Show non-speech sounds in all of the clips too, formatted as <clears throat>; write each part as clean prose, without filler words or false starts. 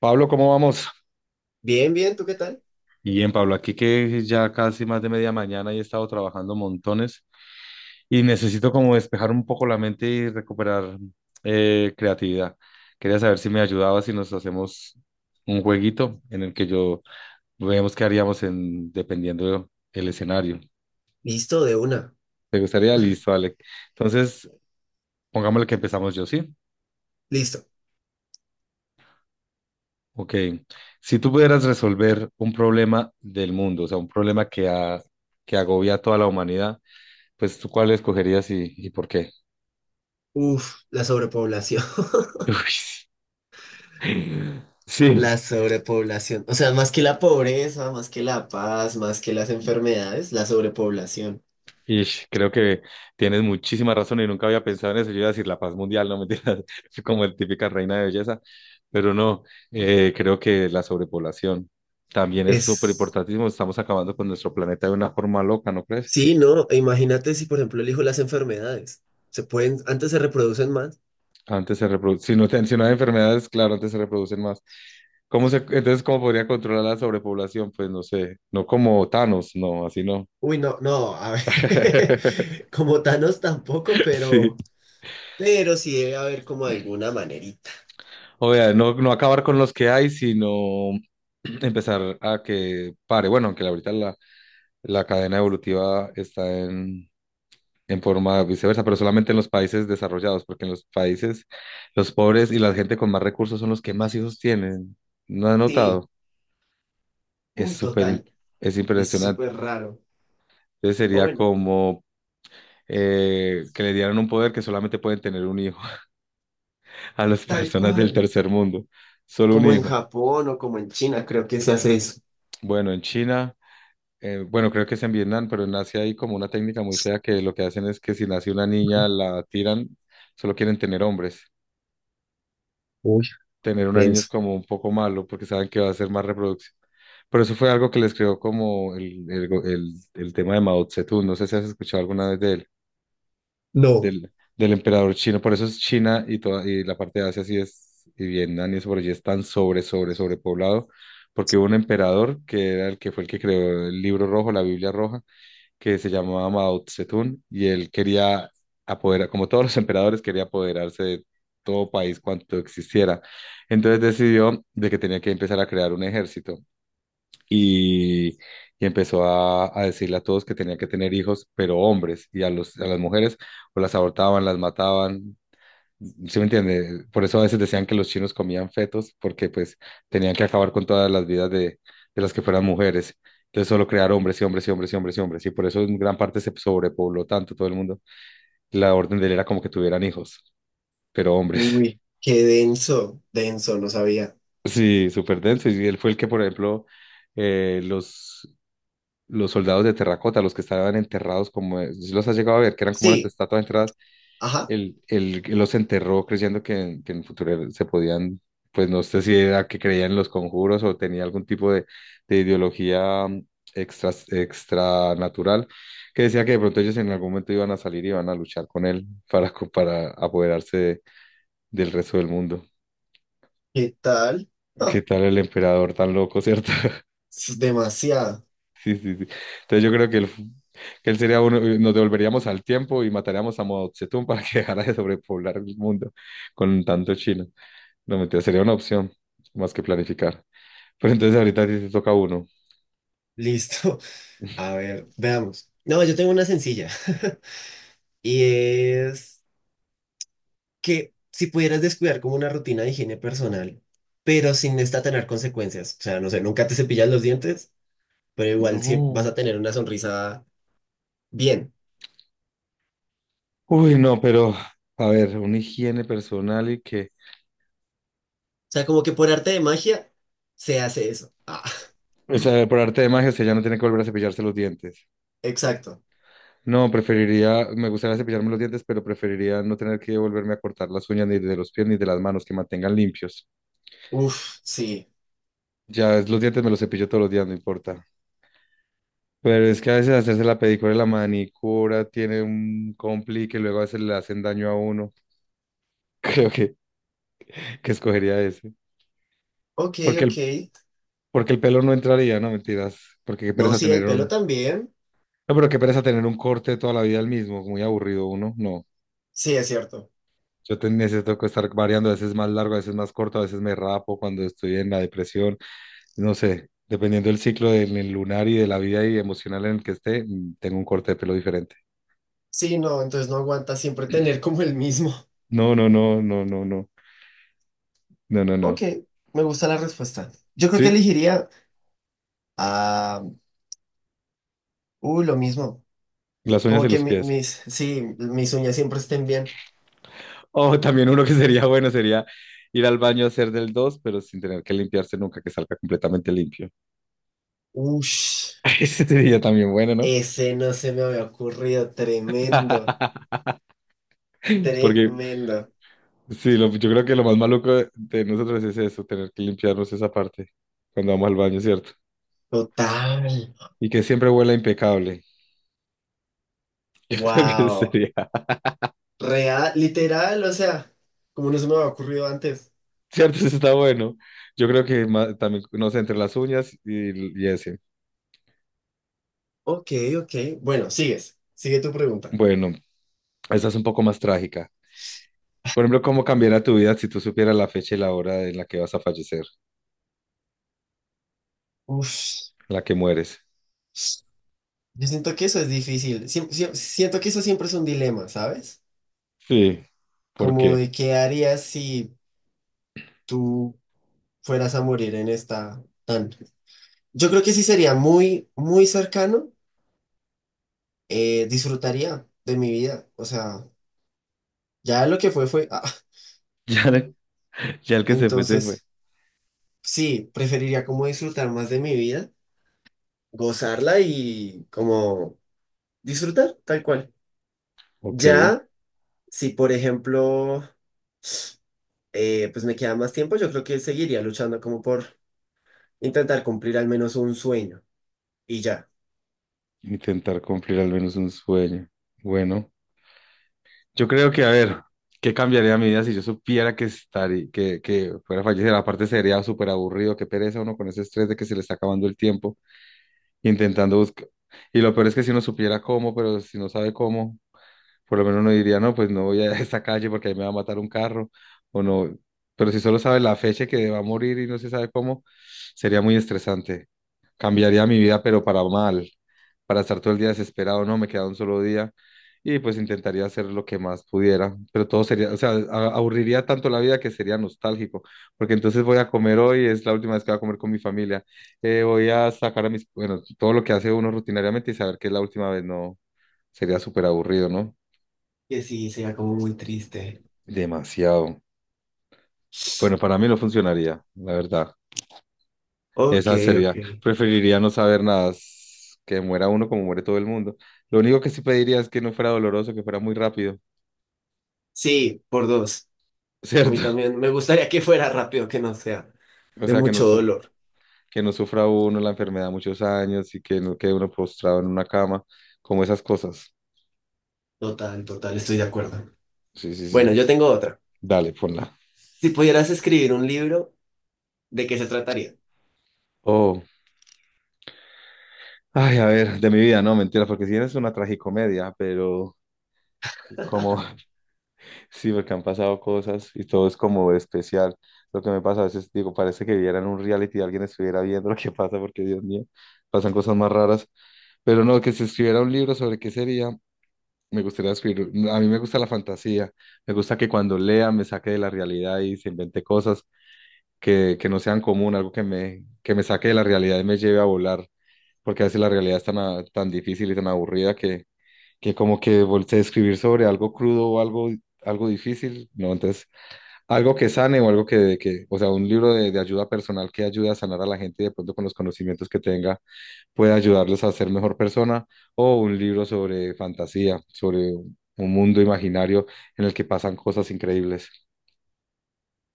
Pablo, ¿cómo vamos? Bien, ¿tú qué tal? Bien, Pablo, aquí que ya casi más de media mañana y he estado trabajando montones y necesito como despejar un poco la mente y recuperar creatividad. Quería saber si me ayudaba si nos hacemos un jueguito en el que yo veamos qué haríamos en, dependiendo el escenario. Listo, de una. ¿Te gustaría? Listo, vale. Entonces, pongámosle que empezamos yo, ¿sí? Listo. Ok. Si tú pudieras resolver un problema del mundo, o sea, un problema que, que agobia a toda la humanidad, pues tú cuál escogerías y por qué. Uf, la sobrepoblación. <laughs> <laughs> Uy, sí, La sobrepoblación. O sea, más que la pobreza, más que la paz, más que las enfermedades, la sobrepoblación. y creo que tienes muchísima razón y nunca había pensado en eso. Yo iba a decir la paz mundial, no mentiras, <laughs> soy como el típica reina de belleza, pero no, creo que la sobrepoblación también es súper Es... importantísimo. Estamos acabando con nuestro planeta de una forma loca, ¿no crees? Sí, no, e imagínate si, por ejemplo, elijo las enfermedades. Se pueden, antes se reproducen más. Antes se reproduce, si no, si no hay enfermedades, claro, antes se reproducen más. Entonces, ¿cómo podría controlar la sobrepoblación? Pues no sé, no como Thanos, no, así no. Uy, no, no, a ver. <laughs> <laughs> Como Thanos tampoco, Sí. pero... Pero sí debe haber como alguna manerita. O sea, no acabar con los que hay, sino <clears throat> empezar a que pare. Bueno, aunque ahorita la cadena evolutiva está en forma viceversa, pero solamente en los países desarrollados, porque en los países los pobres y la gente con más recursos son los que más hijos tienen. ¿No has Sí. notado? Es Uy, súper, im- total. es Es impresionante. súper raro. Entonces O sería bueno. como que le dieran un poder que solamente pueden tener un hijo <laughs> a las Tal personas del cual. tercer mundo. Solo un Como en hijo. Japón o como en China, creo que se hace eso. Bueno, en China. Bueno, Creo que es en Vietnam, pero en Asia hay como una técnica muy fea que lo que hacen es que si nace una niña la tiran, solo quieren tener hombres. Uy, Tener una niña es denso. como un poco malo porque saben que va a ser más reproducción. Pero eso fue algo que les creó como el tema de Mao Zedong. No sé si has escuchado alguna vez de él, No, del, del emperador chino. Por eso es China y, toda, y la parte de Asia sí es, y Vietnam y eso por allí es tan sobrepoblado, porque hubo un emperador que era el que fue el que creó el libro rojo, la Biblia roja que se llamaba Mao Zedong y él quería apoderar, como todos los <laughs> emperadores, quería apoderarse de todo país cuanto existiera. Entonces decidió de que tenía que empezar a crear un ejército y, y empezó a decirle a todos que tenía que tener hijos, pero hombres, y a a las mujeres o las abortaban, las mataban. ¿Sí me entiende? Por eso a veces decían que los chinos comían fetos, porque pues tenían que acabar con todas las vidas de las que fueran mujeres. Entonces solo crear hombres y hombres y hombres y hombres y hombres. Y por eso en gran parte se sobrepobló tanto todo el mundo. La orden de él era como que tuvieran hijos, pero hombres. uy, <laughs> qué denso, denso, no sabía. Sí, súper denso. Y él fue el que, por ejemplo, eh, los, los soldados de terracota, los que estaban enterrados, como si los has llegado a ver, que eran como unas Sí, estatuas enterradas. ajá, Él los enterró creyendo que en el futuro se podían, pues no sé si era que creía en los conjuros o tenía algún tipo de ideología extra, extranatural, que decía que de pronto ellos en algún momento iban a salir y iban a luchar con él para, para apoderarse de- del resto del mundo. ¿qué tal? ¿Qué tal el emperador tan loco, cierto? <laughs> Es demasiado. Sí, sí, sí. Entonces yo creo que él sería uno, nos devolveríamos al tiempo y mataríamos a Mao Zedong para que <laughs> dejara de sobrepoblar el mundo con tanto chino. No, mentira, sería una opción, más que planificar. Pero entonces ahorita a ti te toca uno. Listo. <laughs> A ver, veamos. No, yo tengo una sencilla. <laughs> Y es que si pudieras descuidar como una rutina de higiene personal, pero sin esta tener consecuencias. O sea, no sé, nunca te cepillas los dientes, pero igual siempre vas No. a tener una sonrisa bien. Uy, no, pero a ver, una higiene personal y que... Sea, como que por arte de magia se hace eso. Ah, O sea, por arte de magia, usted ya no tiene que volver a cepillarse los dientes. exacto. No, preferiría, me gustaría cepillarme los dientes, pero preferiría no tener que volverme a cortar las uñas ni de los pies ni de las manos, que mantengan limpios. Uf, sí. Los dientes me los cepillo todos los días, no importa. Pero es que a veces hacerse la pedicura y la manicura tiene un complique, luego a veces le hacen daño a uno. <laughs> Creo que escogería ese. Ok, Porque ok. el, Porque el pelo no entraría, no mentiras. Porque qué No, pereza sí, tener el pelo un. también. No, pero qué pereza tener un corte toda la vida el mismo. Muy aburrido uno. No. Sí, es cierto. Necesito que estar variando. A veces más largo, a veces más corto, a veces me rapo cuando estoy en la depresión. No sé. Dependiendo del ciclo del el lunar y de la vida y emocional en el que esté, tengo un corte de pelo diferente. Sí, no, entonces no aguanta siempre tener como el mismo. No, no, no, no, no, no. No, no, Ok, no. me gusta la respuesta. Yo creo que Sí, elegiría a... lo mismo. las uñas Como y que los mi- pies. mis, sí, mis uñas siempre estén bien. O también uno que sería bueno sería ir al baño a hacer del dos, pero sin tener que limpiarse nunca, que salga completamente limpio. Ush, <laughs> Ese sería también bueno, ¿no? ese no se me había ocurrido. Tremendo, <laughs> Porque tremendo. sí, yo creo que lo más maluco de nosotros es eso, tener que limpiarnos esa parte cuando vamos al baño, ¿cierto? Total. Y que siempre huela impecable. <laughs> Creo que Wow. sería, Real, literal, o sea, como no se me había ocurrido antes. ¿cierto? Eso está bueno. Yo creo que también, no sé, entre las uñas y ese. Ok, ok. Bueno, sigues. Sigue tu pregunta. Bueno, esa es un poco más trágica. Por ejemplo, ¿cómo cambiaría tu vida si tú supieras la fecha y la hora en la que vas a fallecer, Uf, en la que mueres? yo siento que eso es difícil. Siento que eso siempre es un dilema, ¿sabes? Sí, ¿por Como qué? de <laughs> qué harías si tú fueras a morir en esta tan. Yo creo que sí sería muy, muy cercano. Disfrutaría de mi vida. O sea, ya lo que fue fue. ah, Ya, ya el que se fue, se fue. entonces, sí, preferiría como disfrutar más de mi vida, gozarla y como disfrutar, tal cual. Ok. Ya, si por ejemplo, pues me queda más tiempo, yo creo que seguiría luchando como por intentar cumplir al menos un sueño y ya. Intentar cumplir al menos un sueño. Bueno, yo creo que, a ver, ¿qué cambiaría mi vida si yo supiera que estaría, que fuera a fallecer? Aparte sería súper aburrido, qué pereza uno con ese estrés de que se le está acabando el tiempo, intentando buscar. Y lo peor es que si uno supiera cómo, pero si no sabe cómo, por lo menos uno diría, no, pues no voy a <laughs> esta calle porque ahí me va a matar un carro, o no. Pero si solo sabe la fecha que va a morir y no se sabe cómo, sería muy estresante. Cambiaría mi vida, pero para mal, para estar todo el día desesperado, no, me queda un solo día y pues intentaría hacer lo que más pudiera, pero todo sería, o sea, aburriría tanto la vida que sería nostálgico, porque entonces voy a comer hoy, es la última vez que voy a comer con mi familia, voy a sacar a mis, bueno, todo lo que hace uno rutinariamente y saber que es la última vez, no, sería súper aburrido, ¿no? Que sí, sería como muy triste. Demasiado. Bueno, para mí no funcionaría, la verdad. Ok, Esa ok. sería, preferiría no saber nada, que muera uno como muere todo el mundo. Lo único que sí pediría es que no fuera doloroso, que fuera muy rápido, Sí, por dos. A mí ¿cierto? <laughs> también me gustaría que fuera rápido, que no sea O de sea, mucho dolor. que no sufra uno la enfermedad muchos años y que no quede uno postrado en una cama, como esas cosas. Total, total, estoy de acuerdo. Sí, sí, Bueno, sí. yo tengo otra. Dale, ponla. Si pudieras escribir un libro, ¿de qué se trataría? Oh, ay, a ver, de mi vida, no, mentira, porque si eres una tragicomedia, pero como, sí, porque han pasado cosas y todo es como especial. Lo que me pasa a veces, digo, parece que vieran un reality y alguien estuviera viendo <laughs> lo que pasa, porque Dios mío, pasan cosas más raras. Pero no, que si escribiera un libro sobre qué sería, me gustaría escribir. A mí me gusta la fantasía, me gusta que cuando lea me saque de la realidad y se invente cosas que no sean común, algo que me saque de la realidad y me lleve a volar, porque a veces la realidad es tan, tan difícil y tan aburrida que como que volteé a escribir sobre algo crudo o algo, algo difícil, ¿no? Entonces algo que sane o algo que o sea, un libro de ayuda personal que ayude a sanar a la gente y de pronto con los conocimientos que tenga puede ayudarles a ser mejor persona, o un libro sobre fantasía, sobre un mundo imaginario en el que pasan cosas increíbles.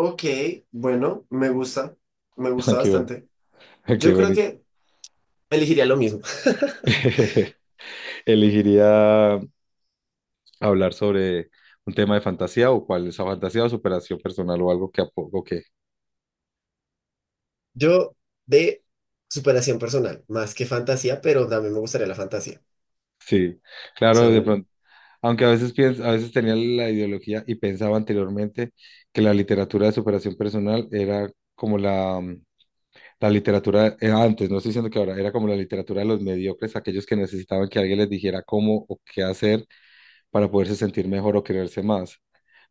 Ok, bueno, me <laughs> Ah, gusta qué bueno, bastante. ah, qué Yo creo bueno. que elegiría lo mismo. <laughs> <laughs> Elegiría hablar sobre un tema de fantasía o cuál es esa fantasía o superación personal o algo que apoco que Yo de superación personal, más que fantasía, pero también me gustaría la fantasía. O sí. sea, Claro, de un- pronto aunque a veces a veces tenía la ideología y pensaba anteriormente que la literatura de superación personal era como la literatura, antes, no estoy diciendo que ahora, era como la literatura de los mediocres, aquellos que necesitaban que alguien les dijera cómo o qué hacer para poderse sentir mejor o quererse más.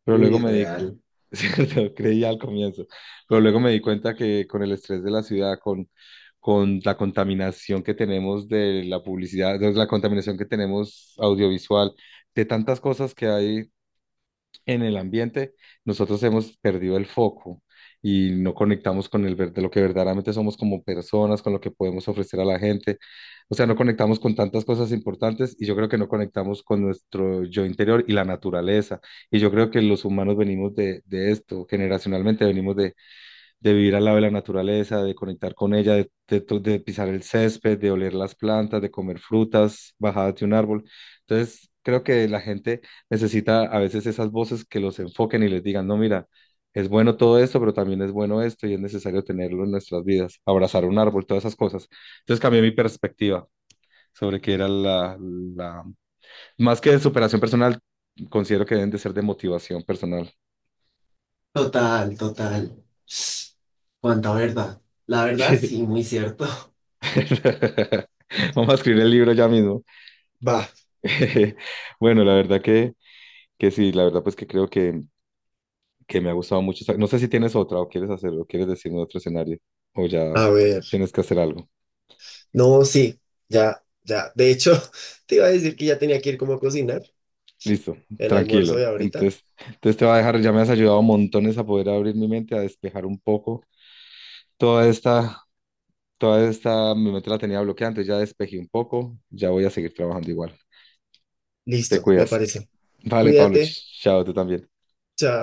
Pero uy, luego me di, real. <laughs> cierto, creía al comienzo, pero luego me di cuenta que con el estrés de la ciudad, con la contaminación que tenemos de la publicidad, de la contaminación que tenemos audiovisual, de tantas cosas que hay en el ambiente, nosotros hemos perdido el foco y no conectamos con el de lo que verdaderamente somos como personas, con lo que podemos ofrecer a la gente. O sea, no conectamos con tantas cosas importantes y yo creo que no conectamos con nuestro yo interior y la naturaleza. Y yo creo que los humanos venimos de esto, generacionalmente venimos de vivir al lado de la naturaleza, de conectar con ella, de pisar el césped, de oler las plantas, de comer frutas bajadas de un árbol. Entonces, creo que la gente necesita a veces esas voces que los enfoquen y les digan, no, mira, es bueno todo esto, pero también es bueno esto y es necesario tenerlo en nuestras vidas, abrazar un árbol, todas esas cosas. Entonces cambié mi perspectiva sobre qué era la... Más que de superación personal, considero que deben de ser de motivación personal. <laughs> Total, total. Cuánta verdad. La verdad, Sí. sí, muy cierto. <laughs> <laughs> Vamos a escribir el libro ya mismo. Va, <laughs> Bueno, la verdad que sí, la verdad pues que creo que me ha gustado mucho. Esa- No sé si tienes otra o quieres hacerlo, quieres decirme otro escenario o ya a ver. tienes que hacer algo. No, sí, ya, ya. De hecho, <laughs> te iba a decir que ya tenía que ir como a cocinar Listo, el tranquilo. almuerzo de ahorita. Entonces, entonces te va a dejar, ya me has ayudado montones a poder abrir mi mente, a despejar un poco. Toda esta, toda esta, mi mente la tenía bloqueada, entonces ya despejé un poco, ya voy a seguir trabajando igual. Te Listo, me cuidas. parece. Vale, Pablo, Cuídate. Chao, tú también. Chao.